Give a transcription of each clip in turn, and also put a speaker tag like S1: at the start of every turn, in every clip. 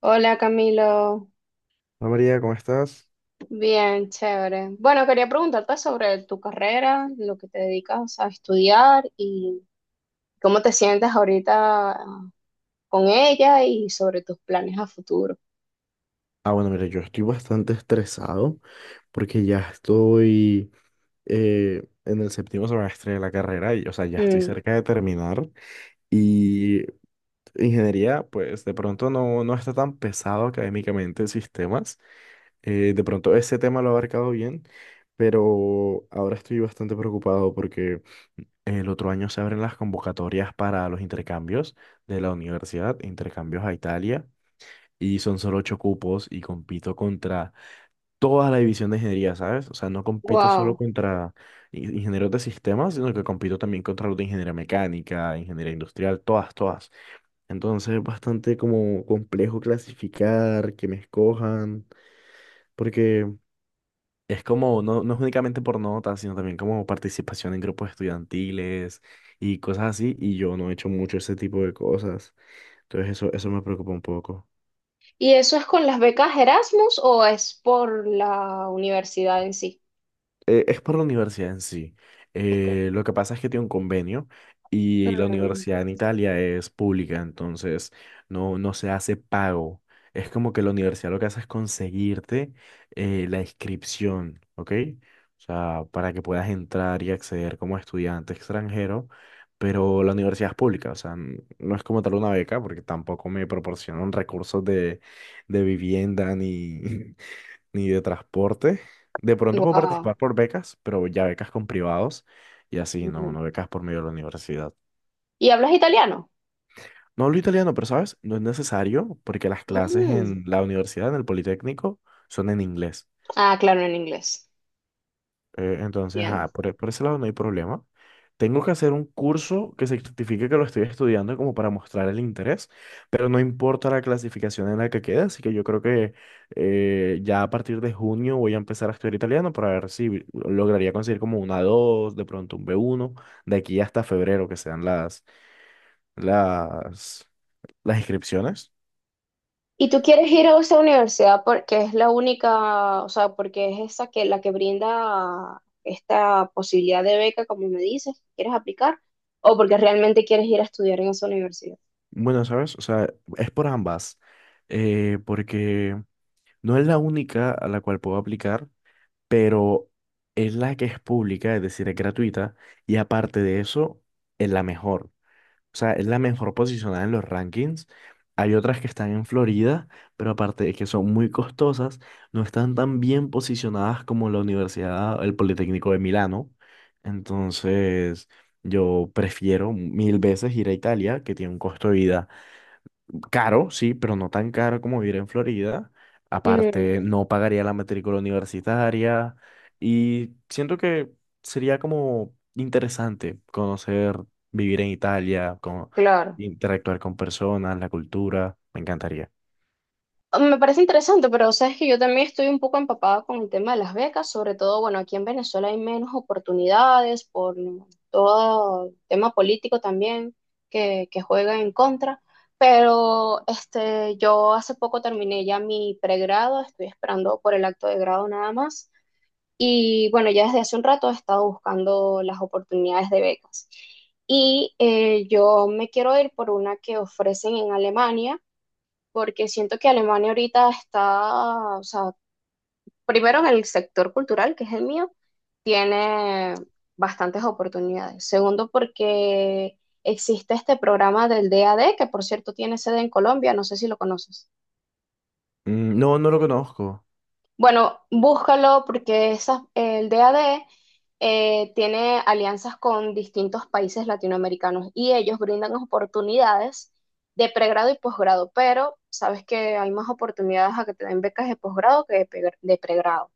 S1: Hola Camilo,
S2: Hola María, ¿cómo estás?
S1: bien, chévere. Bueno, quería preguntarte sobre tu carrera, lo que te dedicas a estudiar y cómo te sientes ahorita, con ella y sobre tus planes a futuro.
S2: Ah, bueno, mira, yo estoy bastante estresado porque ya estoy en el séptimo semestre de la carrera y, o sea, ya estoy
S1: Mm,
S2: cerca de terminar. Y ingeniería, pues de pronto no está tan pesado académicamente en sistemas. De pronto ese tema lo he abarcado bien, pero ahora estoy bastante preocupado porque el otro año se abren las convocatorias para los intercambios de la universidad, intercambios a Italia. Y son solo ocho cupos y compito contra toda la división de ingeniería, ¿sabes? O sea, no compito solo
S1: wow.
S2: contra ingenieros de sistemas, sino que compito también contra los de ingeniería mecánica, ingeniería industrial, todas, todas. Entonces es bastante como complejo clasificar, que me escojan, porque es como, no, no es únicamente por notas, sino también como participación en grupos estudiantiles y cosas así, y yo no he hecho mucho ese tipo de cosas. Entonces eso me preocupa un poco.
S1: ¿Y eso es con las becas Erasmus o es por la universidad en sí?
S2: Es por la universidad en sí.
S1: Ok.
S2: Lo que pasa es que tiene un convenio y la
S1: Mm,
S2: universidad en Italia es pública, entonces no se hace pago. Es como que la universidad lo que hace es conseguirte la inscripción, ¿ok? O sea, para que puedas entrar y acceder como estudiante extranjero, pero la universidad es pública, o sea, no es como tal una beca, porque tampoco me proporcionan recursos de vivienda ni, ni de transporte. De pronto puedo
S1: wow.
S2: participar por becas, pero ya becas con privados y así, no,
S1: Mm.
S2: no becas por medio de la universidad.
S1: ¿Y hablas italiano?
S2: No hablo italiano, pero sabes, no es necesario porque las clases
S1: Mm.
S2: en la universidad, en el Politécnico, son en inglés.
S1: Ah, claro, en inglés.
S2: Entonces, ah, por ese lado no hay problema. Tengo que hacer un curso que se certifique que lo estoy estudiando como para mostrar el interés, pero no importa la clasificación en la que quede, así que yo creo que ya a partir de junio voy a empezar a estudiar italiano para ver si lograría conseguir como una 2 de pronto un B1, de aquí hasta febrero que sean las, las inscripciones.
S1: Y tú quieres ir a esa universidad porque es la única, o sea, porque es esa, que la que brinda esta posibilidad de beca, como me dices, quieres aplicar, o porque realmente quieres ir a estudiar en esa universidad.
S2: Bueno, ¿sabes? O sea, es por ambas, porque no es la única a la cual puedo aplicar, pero es la que es pública, es decir, es gratuita, y aparte de eso, es la mejor. O sea, es la mejor posicionada en los rankings. Hay otras que están en Florida, pero aparte de que son muy costosas, no están tan bien posicionadas como la Universidad, el Politécnico de Milano. Entonces, yo prefiero mil veces ir a Italia, que tiene un costo de vida caro, sí, pero no tan caro como vivir en Florida.
S1: Mm,
S2: Aparte, no pagaría la matrícula universitaria y siento que sería como interesante conocer, vivir en Italia, como
S1: claro.
S2: interactuar con personas, la cultura, me encantaría.
S1: Me parece interesante, pero sabes que yo también estoy un poco empapada con el tema de las becas, sobre todo, bueno, aquí en Venezuela hay menos oportunidades por todo el tema político también que juega en contra, pero este, yo hace poco terminé ya mi pregrado, estoy esperando por el acto de grado nada más, y bueno, ya desde hace un rato he estado buscando las oportunidades de becas. Y yo me quiero ir por una que ofrecen en Alemania porque siento que Alemania ahorita está, o sea, primero en el sector cultural, que es el mío, tiene bastantes oportunidades. Segundo, porque existe este programa del DAD, que por cierto tiene sede en Colombia, no sé si lo conoces.
S2: Mm. No, no lo conozco.
S1: Bueno, búscalo porque el DAD tiene alianzas con distintos países latinoamericanos y ellos brindan oportunidades de pregrado y posgrado, pero sabes que hay más oportunidades a que te den becas de posgrado que de pregrado.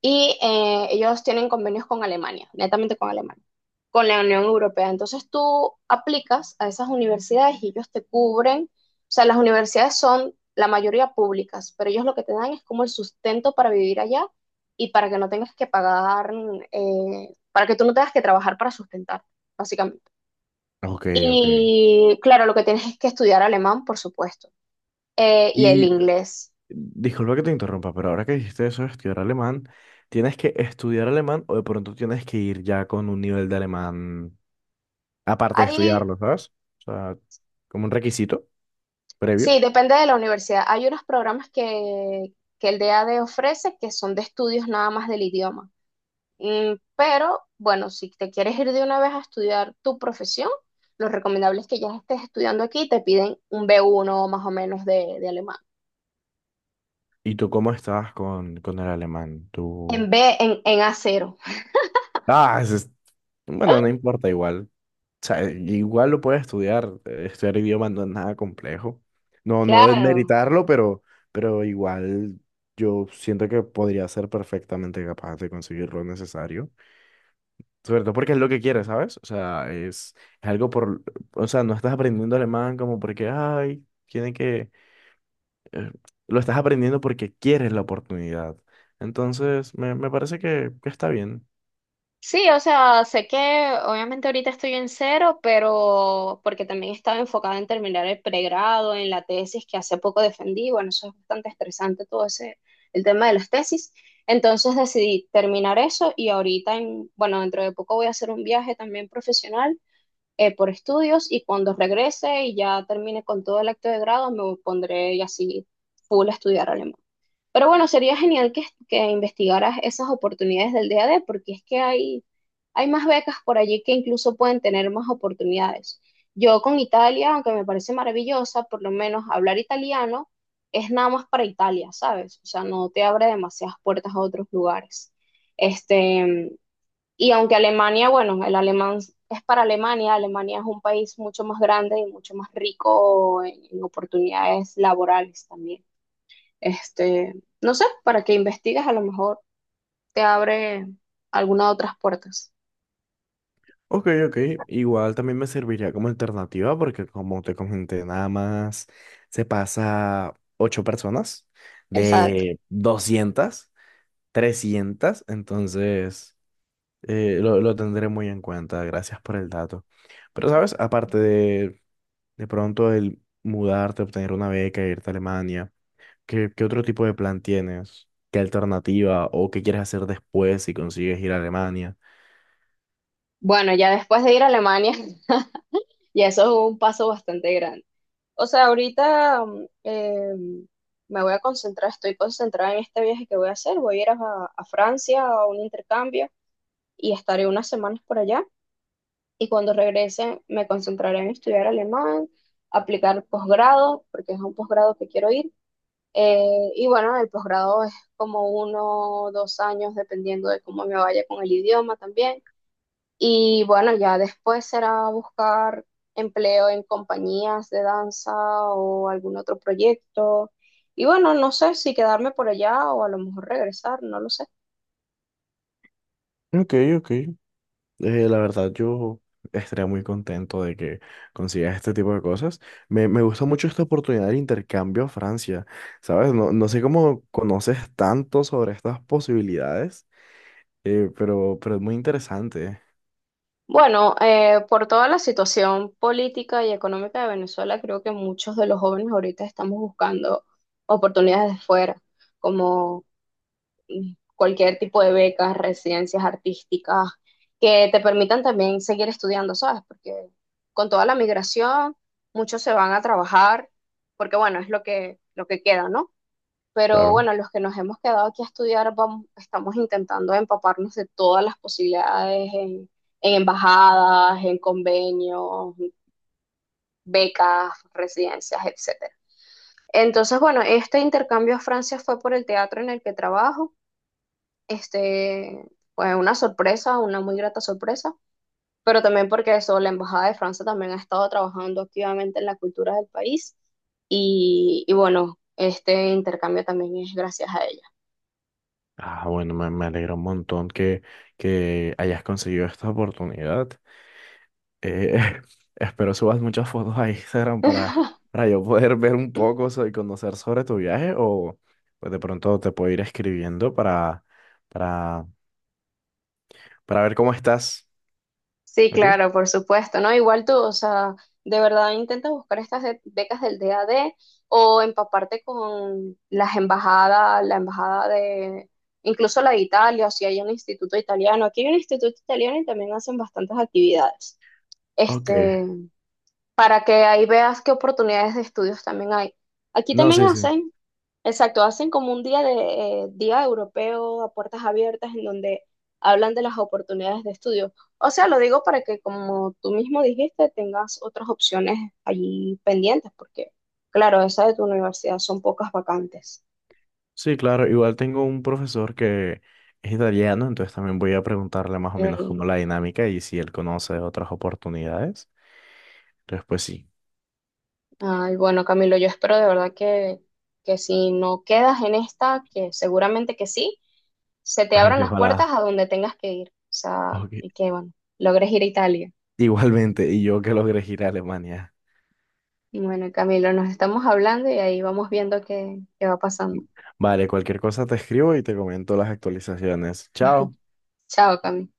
S1: Y ellos tienen convenios con Alemania, netamente con Alemania, con la Unión Europea. Entonces tú aplicas a esas universidades y ellos te cubren. O sea, las universidades son la mayoría públicas, pero ellos lo que te dan es como el sustento para vivir allá y para que no tengas que pagar, para que tú no tengas que trabajar para sustentar, básicamente.
S2: Ok, ok.
S1: Y claro, lo que tienes es que estudiar alemán, por supuesto, y el
S2: Y
S1: inglés.
S2: disculpa que te interrumpa, pero ahora que dijiste eso de estudiar alemán, ¿tienes que estudiar alemán o de pronto tienes que ir ya con un nivel de alemán aparte de
S1: Hay
S2: estudiarlo, ¿sabes? O sea, como un requisito previo.
S1: Sí, depende de la universidad. Hay unos programas que el DAD ofrece que son de estudios nada más del idioma. Pero bueno, si te quieres ir de una vez a estudiar tu profesión, lo recomendable es que ya estés estudiando aquí y te piden un B1 más o menos de alemán.
S2: ¿Y tú cómo estabas con el alemán? Tú...
S1: En a cero.
S2: Ah, ese es- bueno, no importa igual. O sea, igual lo puedes estudiar. Estudiar idioma no es nada complejo. No, no
S1: Claro.
S2: desmeritarlo, pero igual yo siento que podría ser perfectamente capaz de conseguir lo necesario. Sobre todo porque es lo que quieres, ¿sabes? O sea, es algo por... O sea, no estás aprendiendo alemán como porque, ay, tiene que eh, lo estás aprendiendo porque quieres la oportunidad. Entonces, me parece que está bien.
S1: Sí, o sea, sé que obviamente ahorita estoy en cero, pero porque también estaba enfocada en terminar el pregrado, en la tesis que hace poco defendí, bueno, eso es bastante estresante todo ese, el tema de las tesis. Entonces decidí terminar eso y ahorita, bueno, dentro de poco voy a hacer un viaje también profesional, por estudios, y cuando regrese y ya termine con todo el acto de grado, me pondré y así full a estudiar alemán. Pero bueno, sería genial que investigaras esas oportunidades del D a DAD, porque es que hay más becas por allí que incluso pueden tener más oportunidades. Yo con Italia, aunque me parece maravillosa, por lo menos hablar italiano es nada más para Italia, ¿sabes? O sea, no te abre demasiadas puertas a otros lugares. Este, y aunque Alemania, bueno, el alemán es para Alemania, Alemania es un país mucho más grande y mucho más rico en, oportunidades laborales también. Este, no sé, para que investigues, a lo mejor te abre alguna otras puertas.
S2: Ok, ok. Igual también me serviría como alternativa porque como te comenté, nada más se pasa ocho personas
S1: Exacto.
S2: de 200 trescientas. Entonces, lo tendré muy en cuenta. Gracias por el dato. Pero, ¿sabes? Aparte de pronto el mudarte, obtener una beca, irte a Alemania. ¿Qué, qué otro tipo de plan tienes? ¿Qué alternativa o qué quieres hacer después si consigues ir a Alemania?
S1: Bueno, ya después de ir a Alemania, ya eso es un paso bastante grande. O sea, ahorita me voy a concentrar, estoy concentrada en este viaje que voy a hacer. Voy a ir a Francia, a un intercambio, y estaré unas semanas por allá. Y cuando regrese, me concentraré en estudiar alemán, aplicar posgrado, porque es un posgrado que quiero ir. Y bueno, el posgrado es como uno o dos años, dependiendo de cómo me vaya con el idioma también. Y bueno, ya después será buscar empleo en compañías de danza o algún otro proyecto. Y bueno, no sé si quedarme por allá o a lo mejor regresar, no lo sé.
S2: Ok, ok. La verdad, yo estaría muy contento de que consigas este tipo de cosas. Me gusta mucho esta oportunidad del intercambio a Francia, ¿sabes? No, no sé cómo conoces tanto sobre estas posibilidades, pero es muy interesante.
S1: Bueno, por toda la situación política y económica de Venezuela, creo que muchos de los jóvenes ahorita estamos buscando oportunidades de fuera, como cualquier tipo de becas, residencias artísticas, que te permitan también seguir estudiando, ¿sabes? Porque con toda la migración, muchos se van a trabajar, porque bueno, es lo que queda, ¿no? Pero
S2: Claro.
S1: bueno, los que nos hemos quedado aquí a estudiar, vamos, estamos intentando empaparnos de todas las posibilidades en, embajadas, en convenios, becas, residencias, etcétera. Entonces, bueno, este intercambio a Francia fue por el teatro en el que trabajo, este, fue una sorpresa, una muy grata sorpresa, pero también porque eso, la Embajada de Francia también ha estado trabajando activamente en la cultura del país y bueno, este intercambio también es gracias a ella.
S2: Ah, bueno, me alegra un montón que hayas conseguido esta oportunidad. Eh, espero subas muchas fotos a Instagram para yo poder ver un poco y conocer sobre tu viaje o pues de pronto te puedo ir escribiendo para, para ver cómo estás.
S1: Sí,
S2: ¿Ok?
S1: claro, por supuesto, ¿no? Igual tú, o sea, de verdad intenta buscar estas becas del DAD o empaparte con las embajadas, la embajada de, incluso la de Italia, o si hay un instituto italiano. Aquí hay un instituto italiano y también hacen bastantes actividades.
S2: Ok.
S1: este, para que ahí veas qué oportunidades de estudios también hay. Aquí
S2: No,
S1: también
S2: sí, sí.
S1: hacen, exacto, hacen como un día de día europeo a puertas abiertas en donde hablan de las oportunidades de estudio. O sea, lo digo para que, como tú mismo dijiste, tengas otras opciones allí pendientes, porque, claro, esa de tu universidad son pocas vacantes.
S2: Sí, claro. Igual tengo un profesor que es italiano, entonces también voy a preguntarle más o menos cómo
S1: Mm.
S2: la dinámica y si él conoce otras oportunidades. Entonces, pues sí.
S1: Ay, bueno, Camilo, yo espero de verdad que si no quedas en esta, que seguramente que sí, se te abran
S2: Ay,
S1: las puertas
S2: ojalá.
S1: a donde tengas que ir. O sea,
S2: Ok.
S1: y que, bueno, logres ir a Italia.
S2: Igualmente, y yo que logré ir a Alemania.
S1: Y bueno, Camilo, nos estamos hablando y ahí vamos viendo qué va pasando.
S2: Vale, cualquier cosa te escribo y te comento las actualizaciones. Chao.
S1: Chao, Camilo.